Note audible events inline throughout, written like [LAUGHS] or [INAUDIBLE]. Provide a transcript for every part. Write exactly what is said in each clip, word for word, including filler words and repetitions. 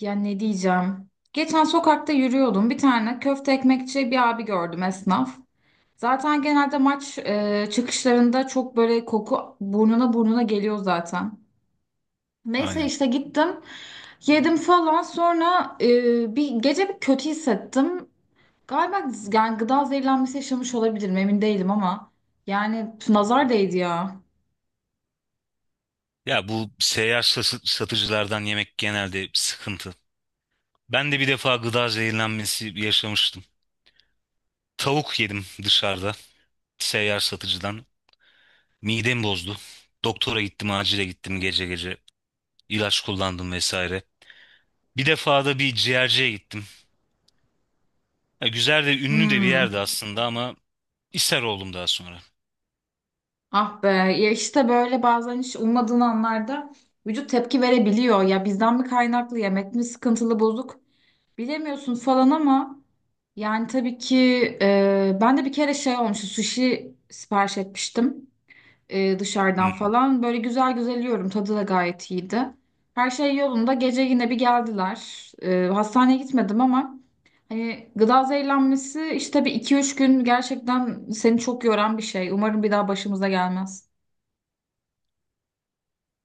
Ya ne diyeceğim? Geçen sokakta yürüyordum. Bir tane köfte ekmekçi bir abi gördüm esnaf. Zaten genelde maç e, çıkışlarında çok böyle koku burnuna burnuna geliyor zaten. Neyse Aynen. işte gittim. Yedim falan. Sonra e, bir gece bir kötü hissettim. Galiba yani gıda zehirlenmesi yaşamış olabilirim emin değilim ama. Yani nazar değdi ya. Ya bu seyyar sa- satıcılardan yemek genelde sıkıntı. Ben de bir defa gıda zehirlenmesi yaşamıştım. Tavuk yedim dışarıda seyyar satıcıdan. Midem bozdu. Doktora gittim, acile gittim gece gece. İlaç kullandım vesaire. Bir defa da bir ciğerciye gittim. Ya güzel de ünlü de bir Hmm. yerdi aslında ama ishal oldum daha sonra. Ah be ya işte böyle bazen hiç ummadığın anlarda vücut tepki verebiliyor. Ya bizden mi kaynaklı yemek mi sıkıntılı bozuk bilemiyorsun falan ama yani tabii ki e, ben de bir kere şey olmuştu sushi sipariş etmiştim e, dışarıdan Hmm. falan. Böyle güzel güzel yiyorum tadı da gayet iyiydi. Her şey yolunda gece yine bir geldiler. E, hastaneye gitmedim ama hani gıda zehirlenmesi işte bir iki üç gün gerçekten seni çok yoran bir şey. Umarım bir daha başımıza gelmez.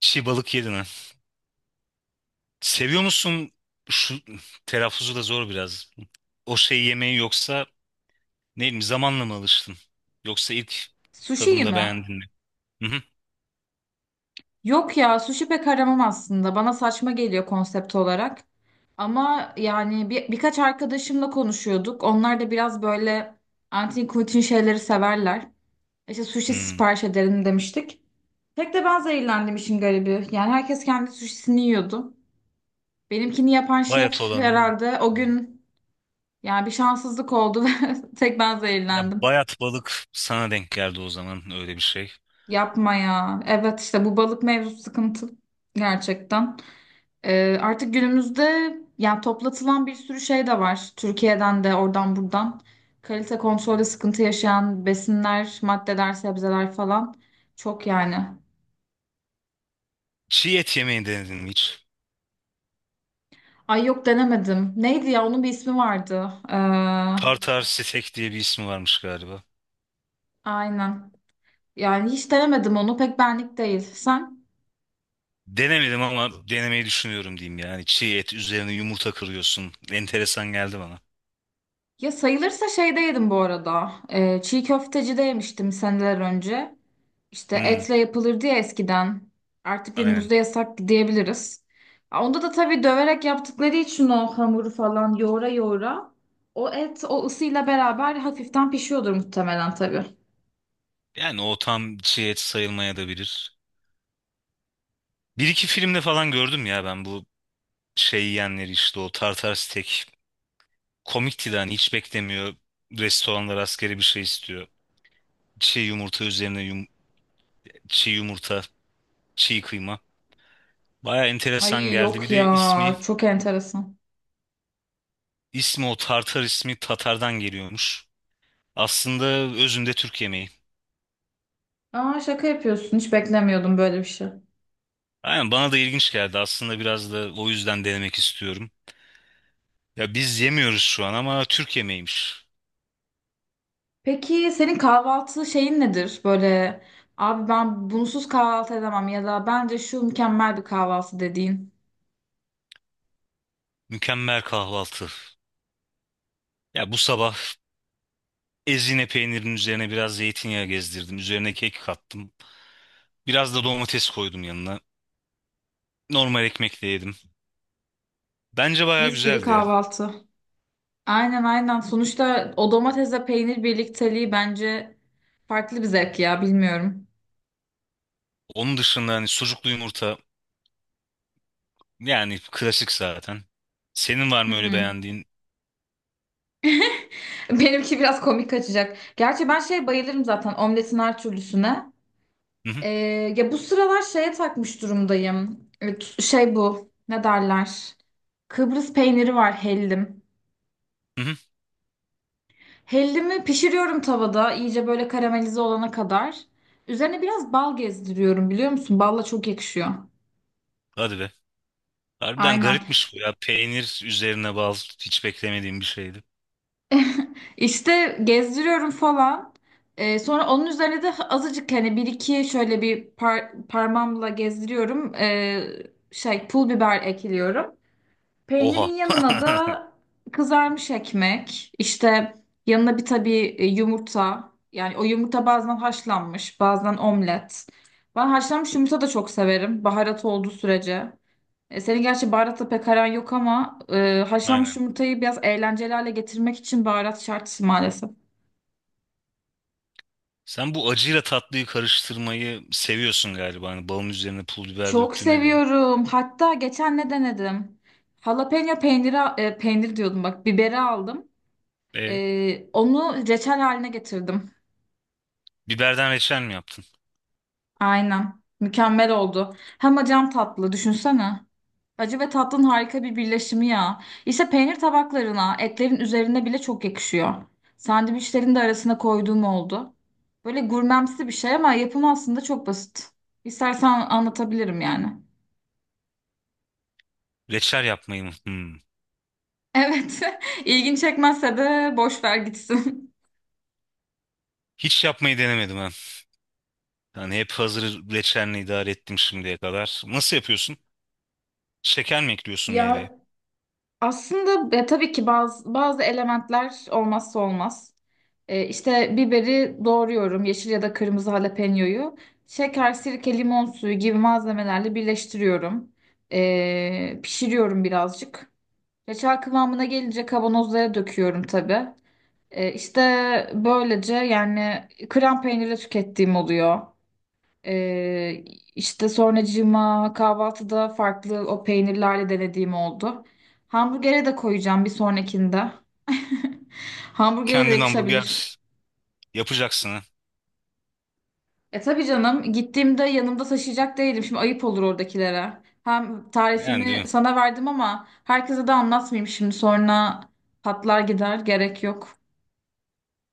Çiğ balık yedin ha. Seviyor musun şu telaffuzu da zor biraz. O şey yemeği yoksa değil mi? Zamanla mı alıştın? Yoksa ilk Sushi'yi tadımda mi? beğendin mi? Hı hı. Yok ya sushi pek aramam aslında. Bana saçma geliyor konsept olarak. Ama yani bir, birkaç arkadaşımla konuşuyorduk. Onlar da biraz böyle antin kuntin şeyleri severler. İşte sushi Hmm. sipariş edelim demiştik. Tek de ben zehirlendim işin garibi. Yani herkes kendi sushisini yiyordu. Benimkini yapan Bayat şef olanı. herhalde o gün yani bir şanssızlık oldu [LAUGHS] ve tek ben Ya zehirlendim. bayat balık sana denk geldi o zaman öyle bir şey. Yapma ya. Evet işte bu balık mevzusu sıkıntı gerçekten. Ee, artık günümüzde yani toplatılan bir sürü şey de var. Türkiye'den de oradan buradan. Kalite kontrolde sıkıntı yaşayan besinler, maddeler, sebzeler falan çok yani. Çiğ et yemeği denedin mi hiç? Ay yok denemedim. Neydi ya onun bir ismi vardı. Ee, Tartar steak diye bir ismi varmış galiba. Aynen. Yani hiç denemedim onu pek benlik değil. Sen? Denemedim ama denemeyi düşünüyorum diyeyim yani. Çiğ et üzerine yumurta kırıyorsun. Enteresan geldi bana. Ya sayılırsa şeyde yedim bu arada. Ee, çiğ köftecide yemiştim seneler önce. İşte Hmm, etle yapılırdı ya eskiden. Artık aynen. günümüzde yasak diyebiliriz. Onda da tabii döverek yaptıkları için o hamuru falan yoğura yoğura. O et o ısıyla beraber hafiften pişiyordur muhtemelen tabii. Yani o tam çiğ et sayılmaya da bilir. Bir iki filmde falan gördüm ya ben bu şey yiyenleri işte o tartar steak komikti de hani hiç beklemiyor. Restoranlar askeri bir şey istiyor. Çiğ yumurta üzerine yum, çiğ yumurta, çiğ kıyma. Baya enteresan Ay geldi. yok Bir ya de ismi, çok enteresan. ismi o Tartar ismi Tatar'dan geliyormuş. Aslında özünde Türk yemeği. Aa şaka yapıyorsun hiç beklemiyordum böyle bir şey. Aynen bana da ilginç geldi. Aslında biraz da o yüzden denemek istiyorum. Ya biz yemiyoruz şu an ama Türk yemeğiymiş. Peki senin kahvaltı şeyin nedir? Böyle abi ben bunsuz kahvaltı edemem ya da bence şu mükemmel bir kahvaltı dediğin. Mükemmel kahvaltı. Ya bu sabah ezine peynirinin üzerine biraz zeytinyağı gezdirdim. Üzerine kek kattım. Biraz da domates koydum yanına. Normal ekmekle yedim. Bence bayağı Mis gibi güzeldi ya. kahvaltı. Aynen aynen. Sonuçta o domatesle peynir birlikteliği bence farklı bir zevk ya bilmiyorum. Onun dışında hani sucuklu yumurta yani klasik zaten. Senin var Hı mı öyle hı. beğendiğin? [LAUGHS] Benimki biraz komik kaçacak. Gerçi ben şey bayılırım zaten omletin her türlüsüne. Hı hı, Ee, Ya bu sıralar şeye takmış durumdayım. Evet, şey bu ne derler? Kıbrıs peyniri var hellim. hı hı. Hellimi pişiriyorum tavada iyice böyle karamelize olana kadar. Üzerine biraz bal gezdiriyorum biliyor musun? Balla çok yakışıyor. Hadi be. Harbiden Aynen. garipmiş bu ya. Peynir üzerine bal hiç beklemediğim bir şeydi. [LAUGHS] İşte gezdiriyorum falan. Ee, sonra onun üzerine de azıcık hani bir iki şöyle bir par- parmağımla gezdiriyorum. Ee, şey pul biber ekliyorum. Peynirin Oha. yanına [LAUGHS] da kızarmış ekmek, işte yanına bir tabii e, yumurta. Yani o yumurta bazen haşlanmış, bazen omlet. Ben haşlanmış yumurta da çok severim, baharat olduğu sürece. E, senin gerçi baharatla pek aran yok ama e, haşlanmış Aynen. yumurtayı biraz eğlenceli hale getirmek için baharat şart maalesef. Sen bu acıyla tatlıyı karıştırmayı seviyorsun galiba. Hani balın üzerine pul biber Çok döktüğüne göre. seviyorum. Hatta geçen ne denedim? Jalapeno peyniri, e, peynir diyordum bak, biberi aldım. E, E, onu reçel haline getirdim. biberden reçel mi yaptın? Aynen. Mükemmel oldu. Hem acam tatlı düşünsene. Acı ve tatlının harika bir birleşimi ya. İşte peynir tabaklarına, etlerin üzerine bile çok yakışıyor. Sandviçlerin de arasına koyduğum oldu. Böyle gurmemsi bir şey ama yapımı aslında çok basit. İstersen anlatabilirim yani. Reçel yapmayı mı? Hmm. Evet. [LAUGHS] ilgin çekmezse de boş ver gitsin. Hiç yapmayı denemedim ben. Yani hep hazır reçelini idare ettim şimdiye kadar. Nasıl yapıyorsun? Şeker mi ekliyorsun Ya meyveye? aslında e, tabii ki bazı bazı elementler olmazsa olmaz. E, işte biberi doğruyorum, yeşil ya da kırmızı jalapeño'yu. Şeker, sirke, limon suyu gibi malzemelerle birleştiriyorum. E, pişiriyorum birazcık. Reçel kıvamına gelince kavanozlara döküyorum tabii. E, işte böylece yani krem peynirle tükettiğim oluyor. Ee, işte sonracığıma kahvaltıda farklı o peynirlerle denediğim oldu. Hamburgere de koyacağım bir sonrakinde. [LAUGHS] Hamburgere de Kendin yakışabilir. hamburger yapacaksın ha. E tabii canım gittiğimde yanımda taşıyacak değilim. Şimdi ayıp olur oradakilere. Hem Yani değil tarifimi mi? sana verdim ama herkese de anlatmayayım şimdi sonra patlar gider gerek yok.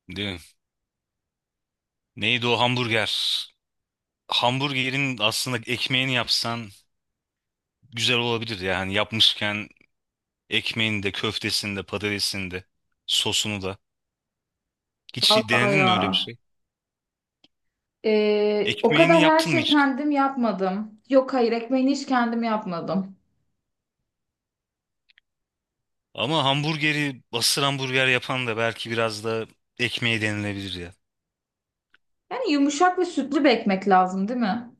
Değil mi? Neydi o hamburger? Hamburgerin aslında ekmeğini yapsan güzel olabilir yani yapmışken ekmeğini de köftesini de patatesini de sosunu da. Hiç Vallahi denedin ya. mi öyle bir şey? Ee, o Ekmeğini kadar her yaptın mı şey hiç? kendim yapmadım. Yok hayır ekmeğini hiç kendim yapmadım. Ama hamburgeri asır hamburger yapan da belki biraz da ekmeği denilebilir ya. Yani yumuşak ve sütlü bir ekmek lazım, değil mi?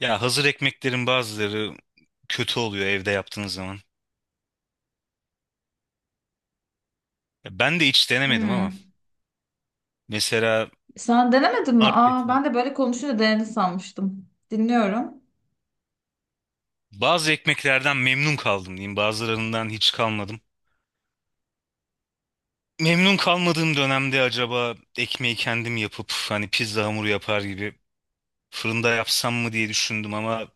Ya hazır ekmeklerin bazıları kötü oluyor evde yaptığınız zaman. Ya ben de hiç denemedim ama Hmm. mesela Sen denemedin mi? Aa, marketler. ben de böyle konuşunca denedin sanmıştım. Dinliyorum. Bazı ekmeklerden memnun kaldım diyeyim. Bazılarından hiç kalmadım. Memnun kalmadığım dönemde acaba ekmeği kendim yapıp hani pizza hamuru yapar gibi fırında yapsam mı diye düşündüm ama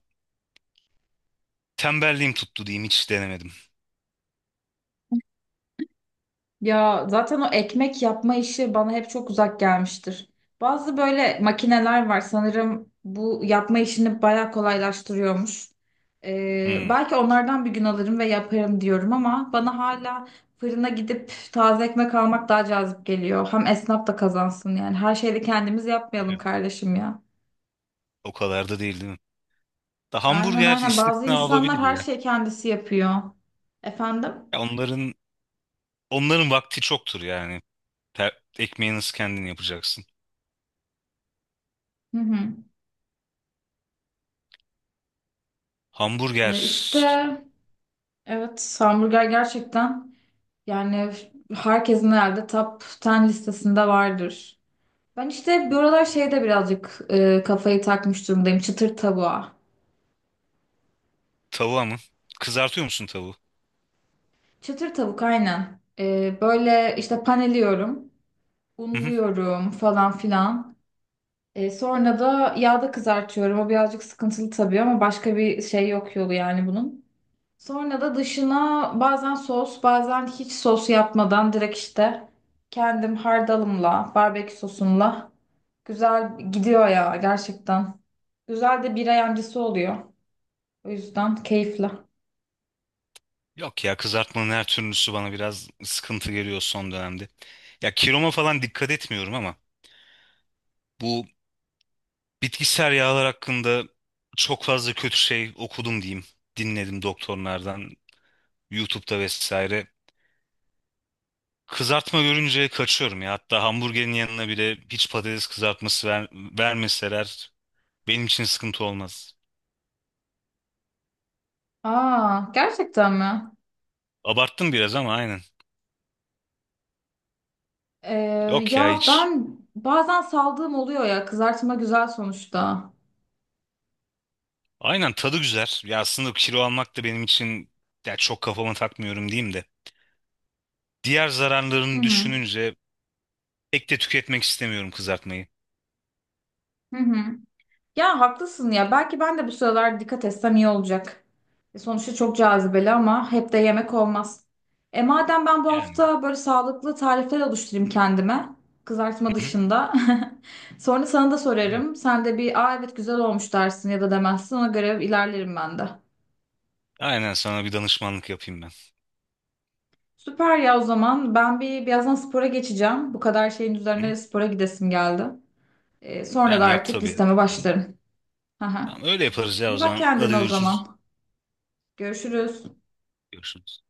tembelliğim tuttu diyeyim hiç denemedim. Ya zaten o ekmek yapma işi bana hep çok uzak gelmiştir. Bazı böyle makineler var sanırım bu yapma işini bayağı kolaylaştırıyormuş. Ee, Hmm, Belki onlardan bir gün alırım ve yaparım diyorum ama bana hala fırına gidip taze ekmek almak daha cazip geliyor. Hem esnaf da kazansın yani. Her şeyi de kendimiz değil yapmayalım mi? kardeşim ya. O kadar da değil değil mi? Da Aynen hamburger aynen bazı istisna insanlar olabilir her ya. şeyi kendisi yapıyor. Efendim? Ya onların onların vakti çoktur yani. Ter- ekmeği nasıl kendin yapacaksın? Hı hı. Hamburger Ee, işte evet hamburger gerçekten yani herkesin herhalde top on listesinde vardır. Ben işte bu aralar şeyde birazcık e, kafayı takmış durumdayım çıtır tavuğa. tavuğa mı? Kızartıyor musun tavuğu? Çıtır tavuk aynen. Ee, böyle işte paneliyorum, [LAUGHS] unluyorum falan filan. Ee, sonra da yağda kızartıyorum. O birazcık sıkıntılı tabii ama başka bir şey yok yolu yani bunun. Sonra da dışına bazen sos, bazen hiç sos yapmadan direkt işte kendim hardalımla, barbekü sosumla güzel gidiyor ya gerçekten. Güzel de bira yancısı oluyor. O yüzden keyifli. Yok ya kızartmanın her türlüsü bana biraz sıkıntı geliyor son dönemde. Ya kiloma falan dikkat etmiyorum ama bu bitkisel yağlar hakkında çok fazla kötü şey okudum diyeyim. Dinledim doktorlardan, YouTube'da vesaire. Kızartma görünce kaçıyorum ya. Hatta hamburgerin yanına bile hiç patates kızartması ver, vermeseler benim için sıkıntı olmaz. Aa, gerçekten mi? Abarttım biraz ama aynen. Ee, Yok ya ya hiç. ben bazen saldığım oluyor ya kızartma güzel sonuçta. Aynen tadı güzel. Ya aslında kilo almak da benim için ya çok kafama takmıyorum diyeyim de. Diğer Hı zararlarını hı. düşününce pek de tüketmek istemiyorum kızartmayı. Hı hı. Ya haklısın ya. Belki ben de bu sıralar dikkat etsem iyi olacak. E, sonuçta çok cazibeli ama hep de yemek olmaz. E madem ben bu Yani. hafta böyle sağlıklı tarifler oluşturayım kendime. Kızartma Hı hı. dışında. [LAUGHS] Sonra sana da Değil mi? sorarım. Sen de bir aa evet güzel olmuş dersin ya da demezsin. Ona göre ilerlerim ben de. Aynen sana bir danışmanlık yapayım ben. Süper ya o zaman. Ben bir birazdan spora geçeceğim. Bu kadar şeyin Hı hı. üzerine spora gidesim geldi. E, sonra da Yani yap artık tabii. listeme başlarım. [LAUGHS] Hı hı. Tamam öyle yaparız ya o İyi bak zaman. Hadi kendine o görüşürüz. zaman. Görüşürüz. Görüşürüz.